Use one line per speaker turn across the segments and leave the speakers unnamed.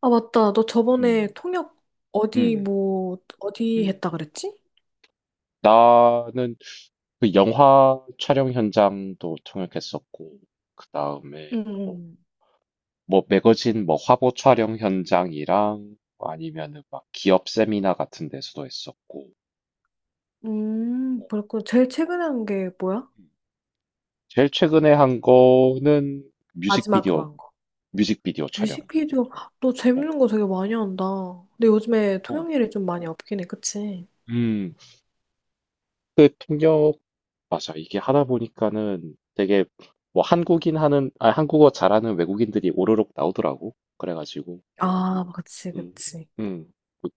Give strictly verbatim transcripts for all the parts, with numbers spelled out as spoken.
아, 맞다. 너 저번에
음.
통역 어디
음.
뭐 어디
음.
했다 그랬지?
나는 그 영화 촬영 현장도 통역했었고, 그 다음에 뭐,
응.
뭐 매거진 뭐 화보 촬영 현장이랑 아니면은 막 기업 세미나 같은 데서도 했었고,
응.
뭐,
음, 그렇고 제일 최근에 한 게 뭐야?
음. 제일 최근에 한 거는
마지막으로
뮤직비디오,
한 거.
뮤직비디오 촬영.
뮤직비디오. 너
어,
재밌는 거 되게 많이 한다. 근데 요즘에
어.
통역 일이 좀 많이 없긴 해. 그치?
음, 그 통역, 맞아. 이게 하다 보니까는 되게 뭐 한국인 하는, 아, 한국어 잘하는 외국인들이 오로록 나오더라고. 그래가지고.
아, 그치,
음.
그치.
음. 그-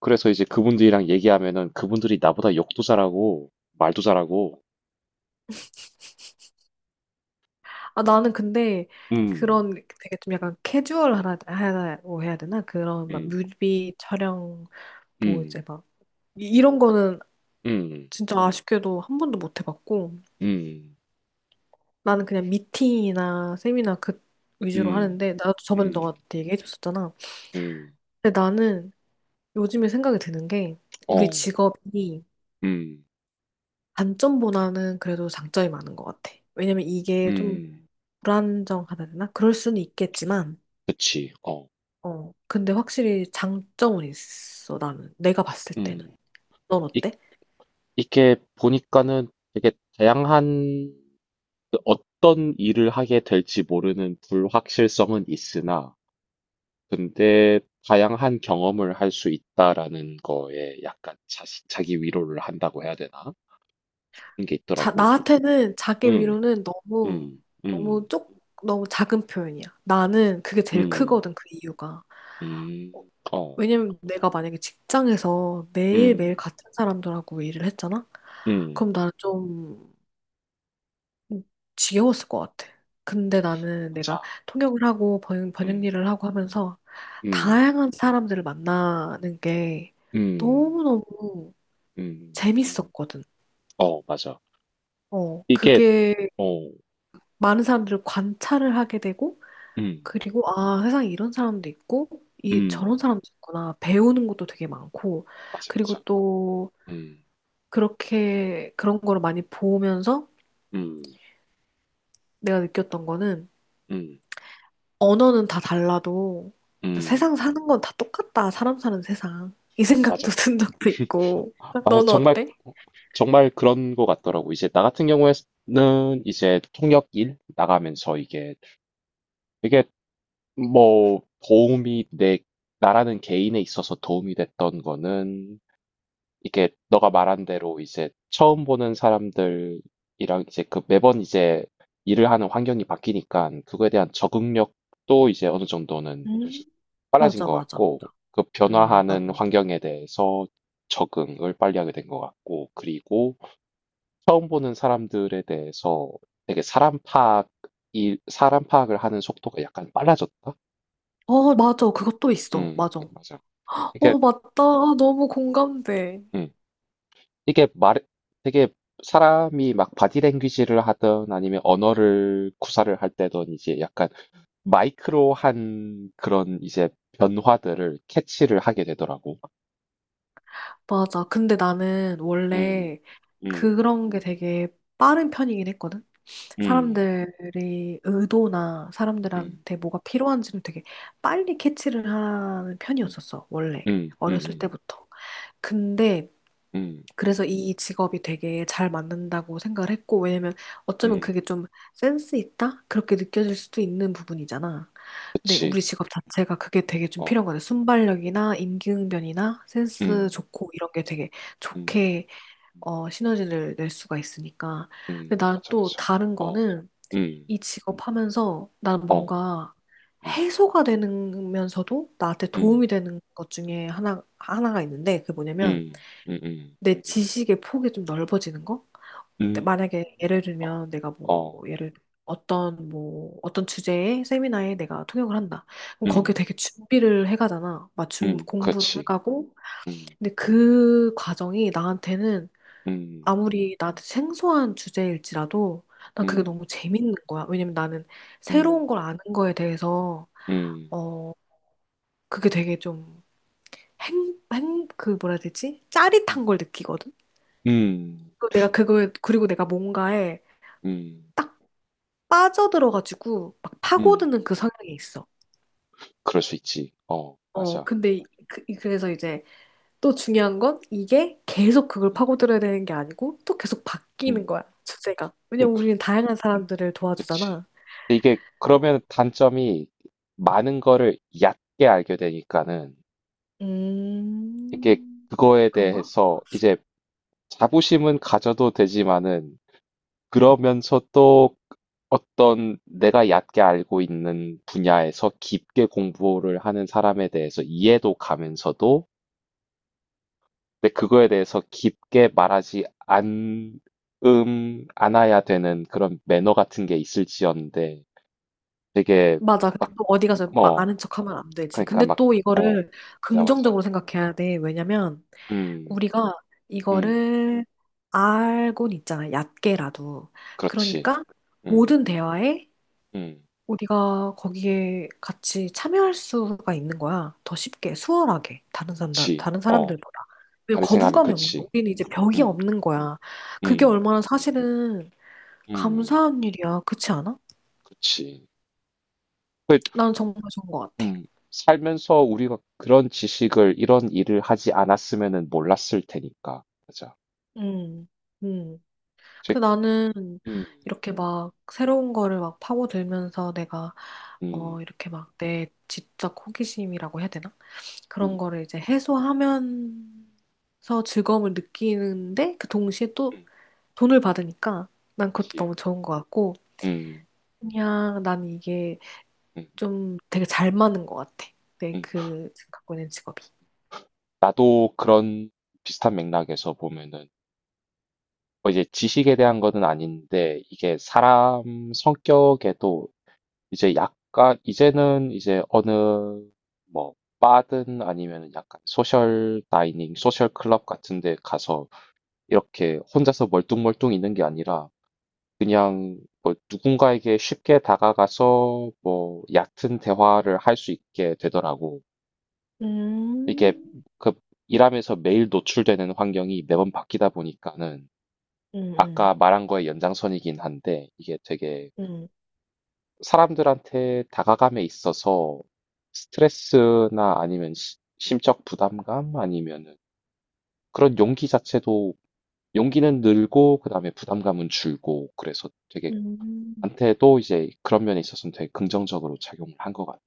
그래서 이제 그분들이랑 얘기하면은 그분들이 나보다 욕도 잘하고 말도 잘하고.
아, 나는 근데
음.
그런 되게 좀 약간 캐주얼하다고 해야 되나? 그런 막
음.
뮤비 촬영 뭐 이제
음.
막 이- 이런 거는
음.
진짜 아쉽게도 한 번도 못 해봤고.
음.
나는 그냥 미팅이나 세미나 그 위주로
음.
하는데 나도 저번에
음.
너가 얘기해줬었잖아.
음.
근데 나는 요즘에 생각이 드는 게 우리
어.
직업이
음.
단점보다는 그래도 장점이 많은 것 같아. 왜냐면 이게 좀
음.
불안정하다 해야 되나? 그럴 수는 있겠지만,
그치. 어.
어, 근데 확실히 장점은 있어, 나는. 내가 봤을 때는.
음.
넌
이,
어때?
이게 보니까는 되게 다양한 그 어떤 일을 하게 될지 모르는 불확실성은 있으나, 근데 다양한 경험을 할 수 있다라는 거에 약간 자시 자기 위로를 한다고 해야 되나? 그런 게
자,
있더라고.
나한테는 자기
음.
위로는 너무,
음. 음.
너무 쪽, 너무 작은 표현이야. 나는 그게 제일
음.
크거든, 그 이유가.
음.
어,
어.
왜냐면 내가 만약에 직장에서 매일매일
음.
같은 사람들하고 일을 했잖아?
응.
그럼 나는 좀 지겨웠을 것 같아. 근데 나는 내가
맞아.
통역을 하고 번, 번역
음.
일을 하고 하면서
음.
다양한 사람들을 만나는 게
음.
너무너무
음.
재밌었거든.
어, 맞아.
어,
이게.
그게
어.
많은 사람들을 관찰을 하게 되고,
음.
그리고 아, 세상에 이런 사람도 있고, 이
음.
저런 사람도 있구나. 배우는 것도 되게 많고,
맞아, 맞아.
그리고 또
음.
그렇게 그런 거를 많이 보면서
음.
내가 느꼈던 거는
음.
언어는 다 달라도
음.
세상 사는 건 다 똑같다. 사람 사는 세상. 이
맞아.
생각도 든 적도 있고.
아,
너는
정말.
어때?
정말 그런 것 같더라고. 이제 나 같은 경우에는 이제 통역 일 나가면서 이게 되게 뭐 도움이, 내, 나라는 개인에 있어서 도움이 됐던 거는, 이게 너가 말한 대로 이제 처음 보는 사람들이랑 이제 그 매번 이제 일을 하는 환경이 바뀌니까 그거에 대한 적응력도 이제 어느 정도는
음,
빨라진
맞아,
것
맞아.
같고, 그
음,
변화하는
나도.
환경에 대해서 적응을 빨리 하게 된 것 같고, 그리고 처음 보는 사람들에 대해서 되게 사람 파악이 사람 파악을 하는 속도가 약간 빨라졌다?
어, 맞아. 그것도 있어.
음.
맞아.
맞아. 이게.
어, 맞다. 아, 너무 공감돼.
음. 이게 말 되게, 사람이 막 바디 랭귀지를 하든 아니면 언어를 구사를 할 때든 이제 약간 마이크로한 그런 이제 변화들을 캐치를 하게 되더라고.
맞아. 근데 나는
음.
원래
음.
그런 게 되게 빠른 편이긴 했거든.
음.
사람들의 의도나
음.
사람들한테 뭐가 필요한지를 되게 빨리 캐치를 하는
음.
편이었었어, 원래.
음. 음음.
어렸을
음.
때부터. 근데
음.
그래서 이 직업이 되게 잘 맞는다고 생각을 했고, 왜냐면 어쩌면
음.
그게 좀 센스 있다? 그렇게 느껴질 수도 있는 부분이잖아. 근데 우리
그치.
직업 자체가 그게 되게 좀
어.
필요한 거같 순발력이나 임기응변이나 센스
음.
좋고 이런 게 되게
음.
좋게
음.
어, 시너지를 낼 수가 있으니까. 근데
음
난
맞아,
또
맞아.
다른
어.
거는
음.
이 직업 하면서 난
어.
뭔가
음.
해소가 되면서도 나한테
음.
도움이 되는 것 중에 하나, 하나가 있는데 그게 뭐냐면
음. 음. 음.
내 지식의 폭이 좀 넓어지는 거? 근데
음.
만약에
음,
예를
음,
들면 내가 뭐
어.
예를 어떤 뭐 어떤 주제의 세미나에 내가 통역을 한다. 그럼 거기에
음.
되게 준비를 해가잖아. 막 준-
음.
공부를
그렇지.
해가고.
음.
근데 그 과정이 나한테는
음.
아무리 나한테 생소한 주제일지라도 난 그게
음.
너무 재밌는 거야. 왜냐면 나는
음.
새로운 걸 아는 거에 대해서
음.
어 그게 되게 좀 행, 행, 그 뭐라 해야 되지?
음.
짜릿한 걸 느끼거든.
음.
그리고 내가 그거에 그리고 내가 뭔가에
음.
딱 빠져들어가지고 막
음.
파고드는 그 성향이 있어.
그럴 수 있지. 어,
어
맞아.
근데 이- 그, 그래서 이제 또 중요한 건 이게 계속 그걸
음.
파고들어야 되는 게 아니고 또 계속 바뀌는
음.
거야 주제가.
음.
왜냐면
그-
우리는 다양한
음.
사람들을
그치.
도와주잖아.
근데 이게
어,
그러면 단점이, 많은 거를 얕게 알게 되니까는 이게
음,
그거에
그런가?
대해서 이제 자부심은 가져도 되지만은, 그러면서 또 어떤 내가 얕게 알고 있는 분야에서 깊게 공부를 하는 사람에 대해서 이해도 가면서도, 근데 그거에 대해서 깊게 말하지 않, 음, 않아야 되는 그런 매너 같은 게 있을지언데, 되게.
맞아. 근데
막,
또 어디 가서 막
뭐,
아는 척 하면 안 되지.
그러니까
근데
막,
또
어,
이거를
맞아, 맞아.
긍정적으로 생각해야 돼. 왜냐면
음.
우리가
음.
이거를 알고는 있잖아. 얕게라도.
그렇지.
그러니까
음.
모든 대화에
음.
우리가 거기에 같이 참여할 수가 있는 거야. 더 쉽게, 수월하게. 다른 사람들,
그치.
다른
어.
사람들보다. 왜
다르게 생각하면
거부감이 없는 거야.
그치.
우리는 이제 벽이
음.
없는 거야. 그게
음.
얼마나 사실은
음.
감사한 일이야. 그렇지 않아?
그치. 그.
나는 정말 좋은 것 같아.
음. 살면서 우리가 그런 지식을, 이런 일을 하지 않았으면은 몰랐을 테니까. 맞아.
음, 음,
제.
그 나는
음.
이렇게 막 새로운 거를 막 파고들면서 내가
음.
어 이렇게 막 내 지적 호기심이라고 해야 되나? 그런
음.
거를 이제 해소하면서 즐거움을 느끼는데 그 동시에 또
음.
돈을 받으니까 난 그것도
그치.
너무 좋은 것 같고
음.
그냥 난 이게
음.
좀 되게 잘 맞는 것 같아.
음.
내그 지금 갖고 있는 직업이.
나도 그런 비슷한 맥락에서 보면은, 뭐 이제 지식에 대한 거는 아닌데 이게 사람 성격에도 이제 약간 이제는 이제 어느 뭐 바든 아니면 약간 소셜 다이닝, 소셜 클럽 같은 데 가서 이렇게 혼자서 멀뚱멀뚱 있는 게 아니라 그냥 뭐 누군가에게 쉽게 다가가서 뭐 얕은 대화를 할 수 있게 되더라고. 이게
음,
그 일하면서 매일 노출되는 환경이 매번 바뀌다 보니까는,
음,
아까 말한 거의 연장선이긴 한데 이게 되게
음, 음.
사람들한테 다가감에 있어서 스트레스나 아니면 시- 심적 부담감 아니면은 그런 용기 자체도, 용기는 늘고 그다음에 부담감은 줄고, 그래서 되게
음.
나한테도 이제 그런 면에 있어서는 되게 긍정적으로 작용을 한 것 같아.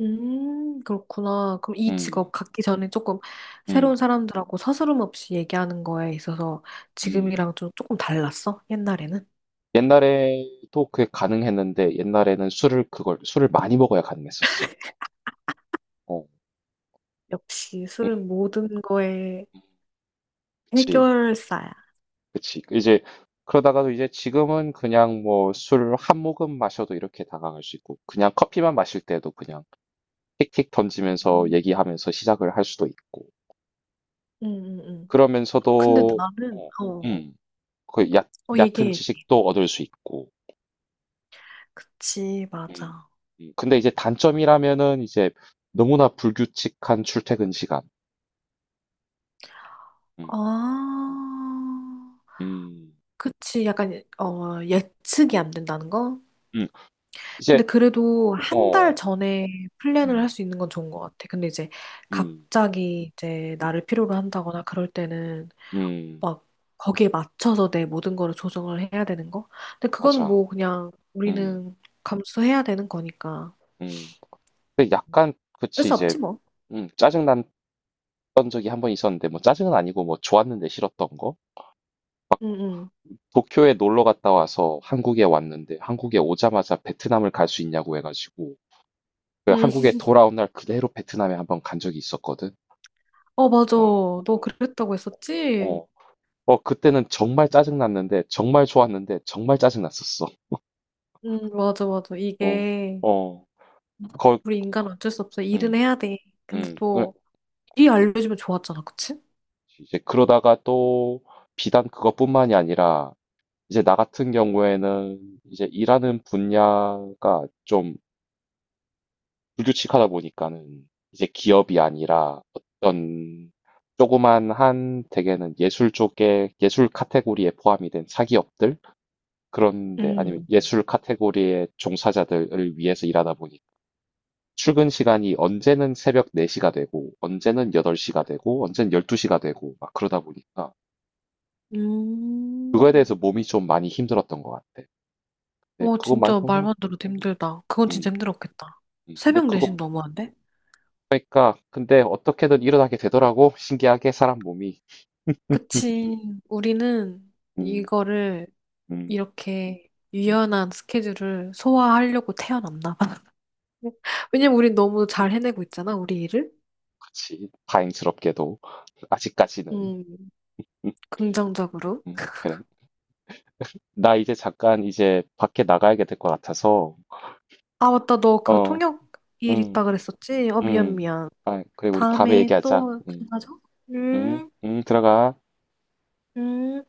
음, 그렇구나. 그럼 이
음.
직업 갖기 전에 조금 새로운
음.
사람들하고 서스름 없이 얘기하는 거에 있어서
음.
지금이랑 좀 조금 달랐어? 옛날에는?
옛날에도 그게 가능했는데, 옛날에는 술을 그걸 술을 많이 먹어야 가능했었어. 어.
역시
음.
술은 모든 거의
음. 그치.
해결사야.
그치. 이제 그러다가도 이제 지금은 그냥 뭐 술 한 모금 마셔도 이렇게 다가갈 수 있고, 그냥 커피만 마실 때도 그냥 킥킥 던지면서
음,
얘기하면서 시작을 할 수도 있고,
음, 음. 음. 근데
그러면서도
나는,
어
어, 어,
음 그 얕
어, 얘기해.
얕은
얘기해.
지식도 얻을 수 있고.
그치,
음.
맞아.
음. 근데 이제 단점이라면은 이제 너무나 불규칙한 출퇴근 시간. 음.
아,
음.
그치. 약간, 어, 예측이 안 된다는 거?
음. 음. 이제.
근데 그래도 한 달
어.
전에 플랜을 할
음.
수 있는 건 좋은 것 같아. 근데 이제
음.
갑자기 이제
음.
나를 필요로 한다거나 그럴 때는
음.
막 거기에 맞춰서 내 모든 거를 조정을 해야 되는 거? 근데 그거는
맞아.
뭐 그냥
음.
우리는 감수해야 되는 거니까.
음. 그 약간.
어쩔
그치
수
이제.
없지 뭐.
음. 짜증났던 적이 한 번 있었는데, 뭐 짜증은 아니고 뭐 좋았는데 싫었던 거.
응응.
도쿄에 놀러 갔다 와서 한국에 왔는데, 한국에 오자마자 베트남을 갈 수 있냐고 해 가지고 그
응. 응.
한국에 돌아온 날 그대로 베트남에 한번 간 적이 있었거든.
어, 맞아.
어.
너
어.
그랬다고 했었지?
어. 어 그때는 정말 짜증났는데, 정말 좋았는데 정말 짜증났었어.
응, 맞아, 맞아.
어.
이게
어. 거.
우리 인간은 어쩔 수 없어. 일은
음.
해야 돼. 근데
음. 그.
또일 알려주면 좋았잖아, 그치?
이제 그러다가 또 비단 그것뿐만이 아니라, 이제 나 같은 경우에는 이제 일하는 분야가 좀 불규칙하다 보니까는 이제 기업이 아니라 어떤 조그만 한, 대개는 예술 쪽에 예술 카테고리에 포함이 된 사기업들, 그런데 아니면
응.
예술 카테고리의 종사자들을 위해서 일하다 보니, 출근 시간이 언제는 새벽 네 시가 되고 언제는 여덟 시가 되고 언제는 열두 시가 되고 막 그러다 보니까 그거에
음.
대해서 몸이 좀 많이 힘들었던 것 같아. 근데
오,
그거
진짜
말고는.
말만 들어도 힘들다. 그건 진짜
음,
힘들었겠다.
음, 근데
새벽 네 시
그거
너무한데?
그러니까, 근데 어떻게든 일어나게 되더라고. 신기하게 사람 몸이.
그치. 우리는
음.
이거를
음.
이렇게
음.
유연한 스케줄을 소화하려고 태어났나 봐. 왜냐면 우린 너무 잘 해내고 있잖아, 우리 일을.
그치. 다행스럽게도 아직까지는.
음,
음.
긍정적으로.
음. 그래. 나 이제 잠깐 이제 밖에 나가야 될 것 같아서.
아, 맞다. 너 그
어.
통역 일 있다
음.
그랬었지? 어, 미안,
음.
미안.
아, 그래, 우리 다음에
다음에
얘기하자.
또
음.
만나자.
음.
음,
음. 들어가.
음.